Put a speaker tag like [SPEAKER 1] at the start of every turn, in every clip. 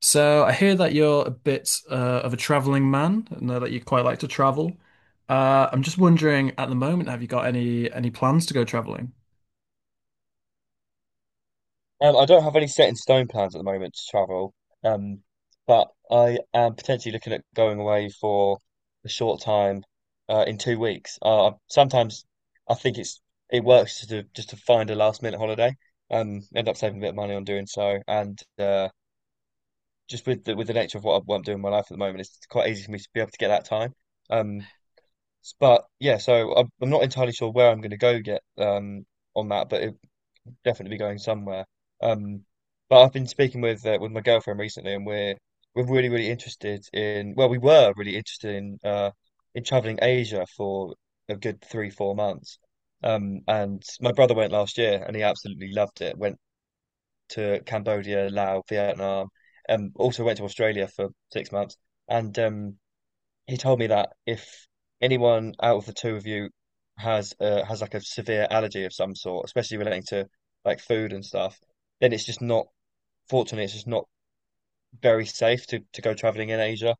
[SPEAKER 1] So I hear that you're a bit of a traveling man. I know that you quite like to travel. I'm just wondering, at the moment, have you got any plans to go traveling?
[SPEAKER 2] I don't have any set in stone plans at the moment to travel, um, but I am potentially looking at going away for a short time in 2 weeks. Sometimes I think it's it works to just to find a last minute holiday, end up saving a bit of money on doing so, and just with with the nature of what I'm doing in my life at the moment, it's quite easy for me to be able to get that time. Um, but yeah, so I'm not entirely sure where I'm going to go yet on that, definitely be going somewhere. Um, but I've been speaking with my girlfriend recently, and we're really really interested in well, we were really interested in traveling Asia for a good 3-4 months. And my brother went last year, and he absolutely loved it. Went to Cambodia, Laos, Vietnam, also went to Australia for 6 months, and he told me that if anyone out of the two of you has like a severe allergy of some sort, especially relating to like food and stuff, then it's just not, fortunately, it's just not very safe to go traveling in Asia.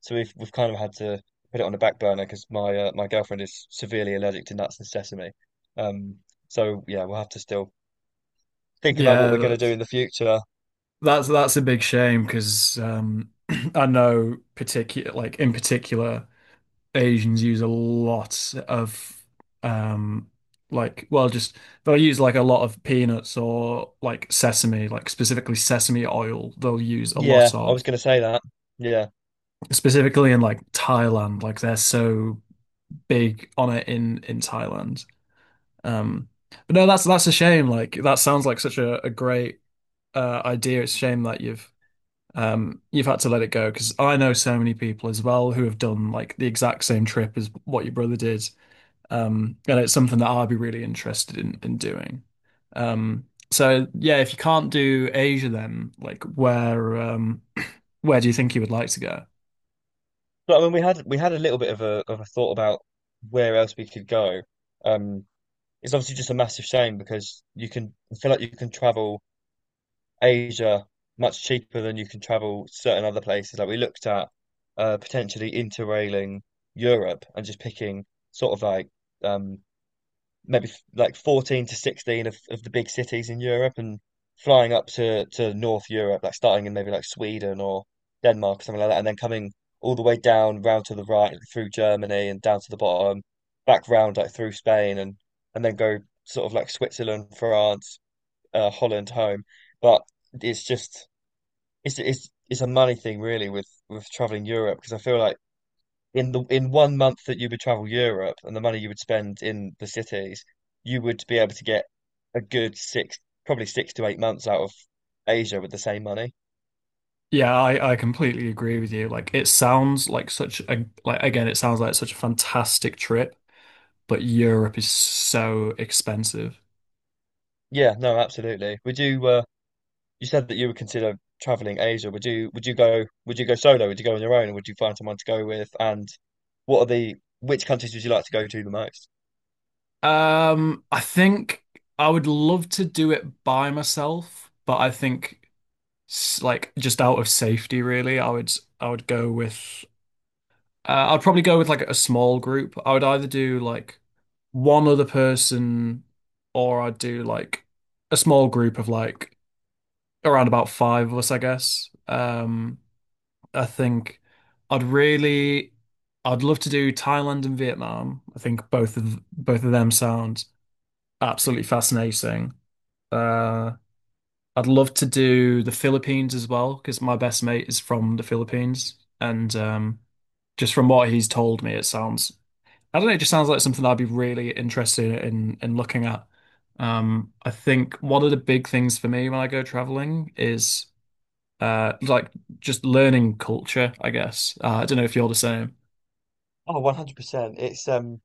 [SPEAKER 2] So we've kind of had to put it on the back burner because my girlfriend is severely allergic to nuts and sesame. Um, so yeah, we'll have to still think about what
[SPEAKER 1] Yeah,
[SPEAKER 2] we're going to do
[SPEAKER 1] that's
[SPEAKER 2] in the future.
[SPEAKER 1] that's that's a big shame because I know particular like in particular Asians use a lot of um, like well just they'll use like a lot of peanuts or like sesame, like specifically sesame oil, they'll use a
[SPEAKER 2] Yeah,
[SPEAKER 1] lot
[SPEAKER 2] I
[SPEAKER 1] of
[SPEAKER 2] was going to say that. Yeah,
[SPEAKER 1] specifically in like Thailand, like they're so big on it in Thailand. Um, but no, that's a shame. Like that sounds like such a great idea. It's a shame that you've had to let it go because I know so many people as well who have done like the exact same trip as what your brother did. And it's something that I'd be really interested in doing. Um, so yeah, if you can't do Asia, then like where do you think you would like to go?
[SPEAKER 2] but I mean, we had a little bit of a thought about where else we could go. Um, it's obviously just a massive shame because you can I feel like you can travel Asia much cheaper than you can travel certain other places. Like we looked at potentially interrailing Europe and just picking sort of like um, maybe like 14 to 16 of the big cities in Europe and flying up to North Europe, like starting in maybe like Sweden or Denmark or something like that, and then coming all the way down round to the right through Germany and down to the bottom, back round like through Spain and then go sort of like Switzerland, France, Holland home. But it's just it's a money thing really with traveling Europe because I feel like in the in 1 month that you would travel Europe and the money you would spend in the cities, you would be able to get a good six, probably 6 to 8 months out of Asia with the same money.
[SPEAKER 1] Yeah, I completely agree with you. Like it sounds like such a, like again, it sounds like such a fantastic trip, but Europe is so expensive.
[SPEAKER 2] Yeah, no, absolutely. Would you You said that you would consider traveling Asia. Would you go solo? Would you go on your own or would you find someone to go with? And what are the which countries would you like to go to the most?
[SPEAKER 1] I think I would love to do it by myself, but I think like just out of safety really, I would go with I'd probably go with like a small group. I would either do like one other person or I'd do like a small group of like around about five of us, I guess. I think I'd really, I'd love to do Thailand and Vietnam. I think both of them sound absolutely fascinating. Uh, I'd love to do the Philippines as well because my best mate is from the Philippines, and just from what he's told me, it sounds, I don't know, it just sounds like something I'd be really interested in looking at. I think one of the big things for me when I go traveling is uh like just learning culture, I guess. I don't know if you're the same.
[SPEAKER 2] Oh, 100%. It's um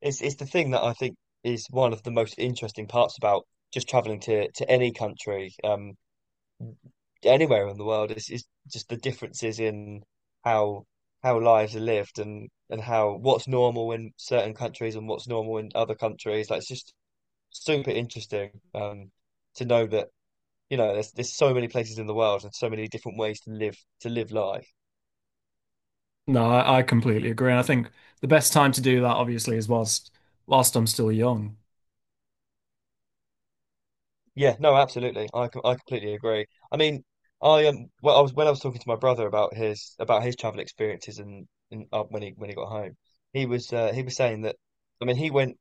[SPEAKER 2] it's it's the thing that I think is one of the most interesting parts about just traveling to any country. Anywhere in the world. It's just the differences in how lives are lived and how what's normal in certain countries and what's normal in other countries. Like it's just super interesting to know that there's so many places in the world and so many different ways to live life.
[SPEAKER 1] No, I completely agree. And I think the best time to do that obviously is whilst I'm still young.
[SPEAKER 2] Yeah, no, absolutely. I completely agree. I mean, I well, I was when I was talking to my brother about his travel experiences and when he got home, he was saying that. I mean, he went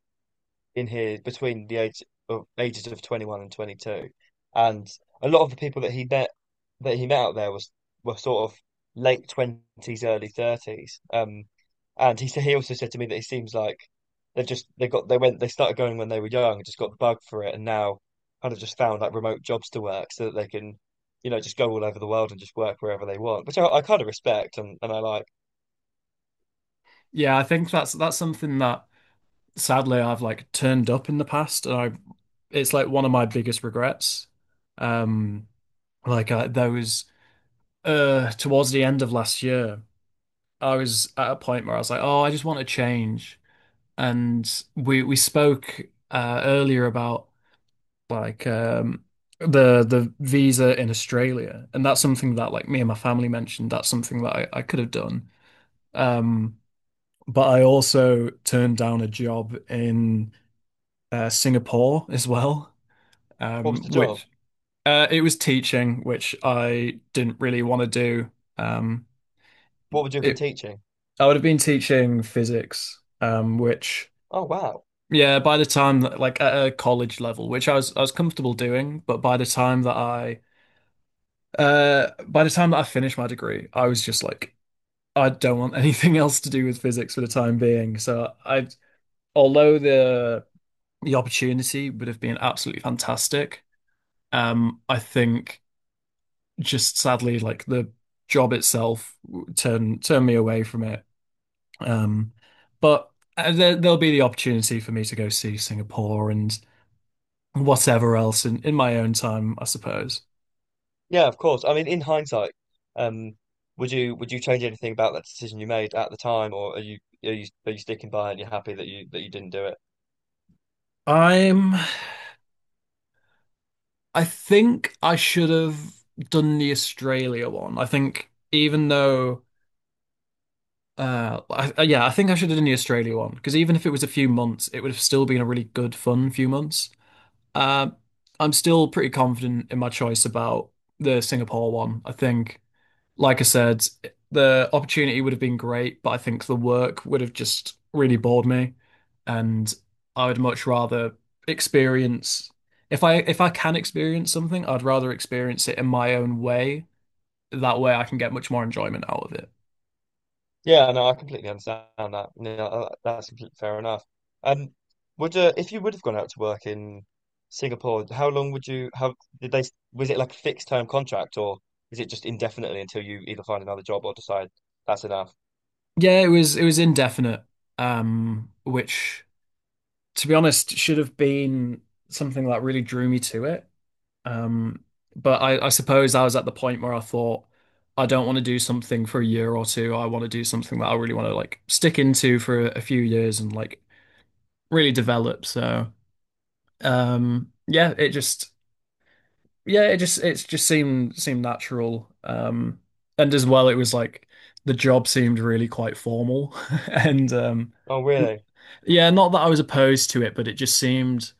[SPEAKER 2] in here between the age of ages of 21 and 22 and a lot of the people that he met out there was were sort of late 20s early 30s and he also said to me that it seems like they've just they got they went they started going when they were young and just got the bug for it and now kind of just found like remote jobs to work so that they can just go all over the world and just work wherever they want which I kind of respect and I like.
[SPEAKER 1] Yeah, I think that's something that sadly I've like turned up in the past, and I, it's like one of my biggest regrets. Um there was towards the end of last year, I was at a point where I was like, "Oh, I just want to change." And we spoke earlier about like um the visa in Australia, and that's something that, like, me and my family mentioned that's something that I could have done, um but I also turned down a job in Singapore as well,
[SPEAKER 2] What was the job
[SPEAKER 1] which it was teaching, which I didn't really want to do. um
[SPEAKER 2] what would you have been
[SPEAKER 1] it,
[SPEAKER 2] teaching
[SPEAKER 1] I would have been teaching physics, which
[SPEAKER 2] oh wow
[SPEAKER 1] yeah, by the time that, like at a college level, which I was comfortable doing, but by the time that I by the time that I finished my degree, I was just like, I don't want anything else to do with physics for the time being. So I, although the opportunity would have been absolutely fantastic, I think just sadly, like the job itself turned me away from it. Um, but there, there'll be the opportunity for me to go see Singapore and whatever else in my own time, I suppose.
[SPEAKER 2] Yeah, of course. I mean, in hindsight, um, would you change anything about that decision you made at the time, or are you sticking by it and you're happy that you didn't do it?
[SPEAKER 1] I'm I think I should have done the Australia one. I think even though, yeah, I think I should have done the Australia one because even if it was a few months, it would have still been a really good, fun few months. Um, I'm still pretty confident in my choice about the Singapore one. I think, like I said, the opportunity would have been great, but I think the work would have just really bored me. And I would much rather experience, if I can experience something, I'd rather experience it in my own way. That way I can get much more enjoyment out of it.
[SPEAKER 2] Yeah, no, I completely understand that. No, that's completely fair enough. Um, would If you would have gone out to work in Singapore, how long would you how did they was it like a fixed term contract, or is it just indefinitely until you either find another job or decide that's enough?
[SPEAKER 1] Yeah, it was indefinite, which to be honest should have been something that really drew me to it. Um, but I suppose I was at the point where I thought, I don't want to do something for a year or two. I want to do something that I really want to like stick into for a few years and like really develop. So, um, yeah, it just, yeah, it just, it's just seemed, seemed natural. And as well, it was like the job seemed really quite formal. And,
[SPEAKER 2] Oh, really?
[SPEAKER 1] yeah, not that I was opposed to it, but it just seemed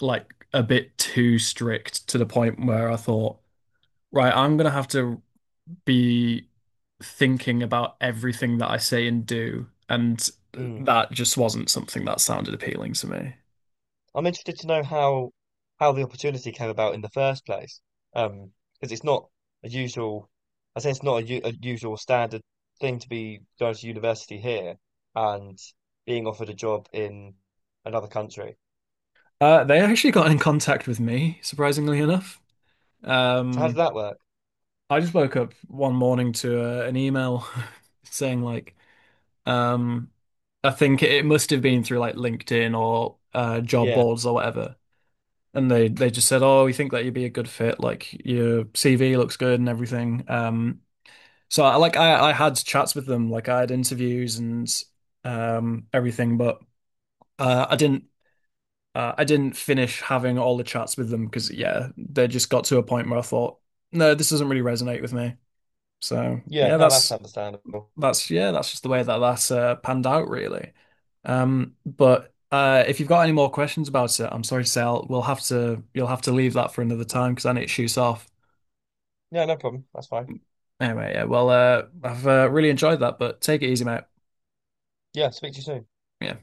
[SPEAKER 1] like a bit too strict to the point where I thought, right, I'm gonna have to be thinking about everything that I say and do, and
[SPEAKER 2] Mm.
[SPEAKER 1] that just wasn't something that sounded appealing to me.
[SPEAKER 2] I'm interested to know how the opportunity came about in the first place. Because it's not a usual, I say it's not a, u- a usual standard thing to be going to university here and being offered a job in another country.
[SPEAKER 1] They actually got in contact with me, surprisingly enough.
[SPEAKER 2] So how did
[SPEAKER 1] Um,
[SPEAKER 2] that work?
[SPEAKER 1] I just woke up one morning to an email saying like, um, I think it must have been through like LinkedIn or job
[SPEAKER 2] Yeah,
[SPEAKER 1] boards or whatever. And they just said, "Oh, we think that you'd be a good fit. Like your CV looks good and everything." So I like I had chats with them, like I had interviews and everything, but uh, I didn't I didn't finish having all the chats with them because yeah, they just got to a point where I thought, no, this doesn't really resonate with me. So
[SPEAKER 2] yeah,
[SPEAKER 1] yeah,
[SPEAKER 2] no, that's understandable.
[SPEAKER 1] that's yeah, that's just the way that that panned out really. But if you've got any more questions about it, I'm sorry to say we'll have to you'll have to leave that for another time because I need to shoot off.
[SPEAKER 2] Yeah, no problem. That's fine.
[SPEAKER 1] Anyway, yeah, well, I've really enjoyed that, but take it easy, mate.
[SPEAKER 2] Yeah, speak to you soon.
[SPEAKER 1] Yeah.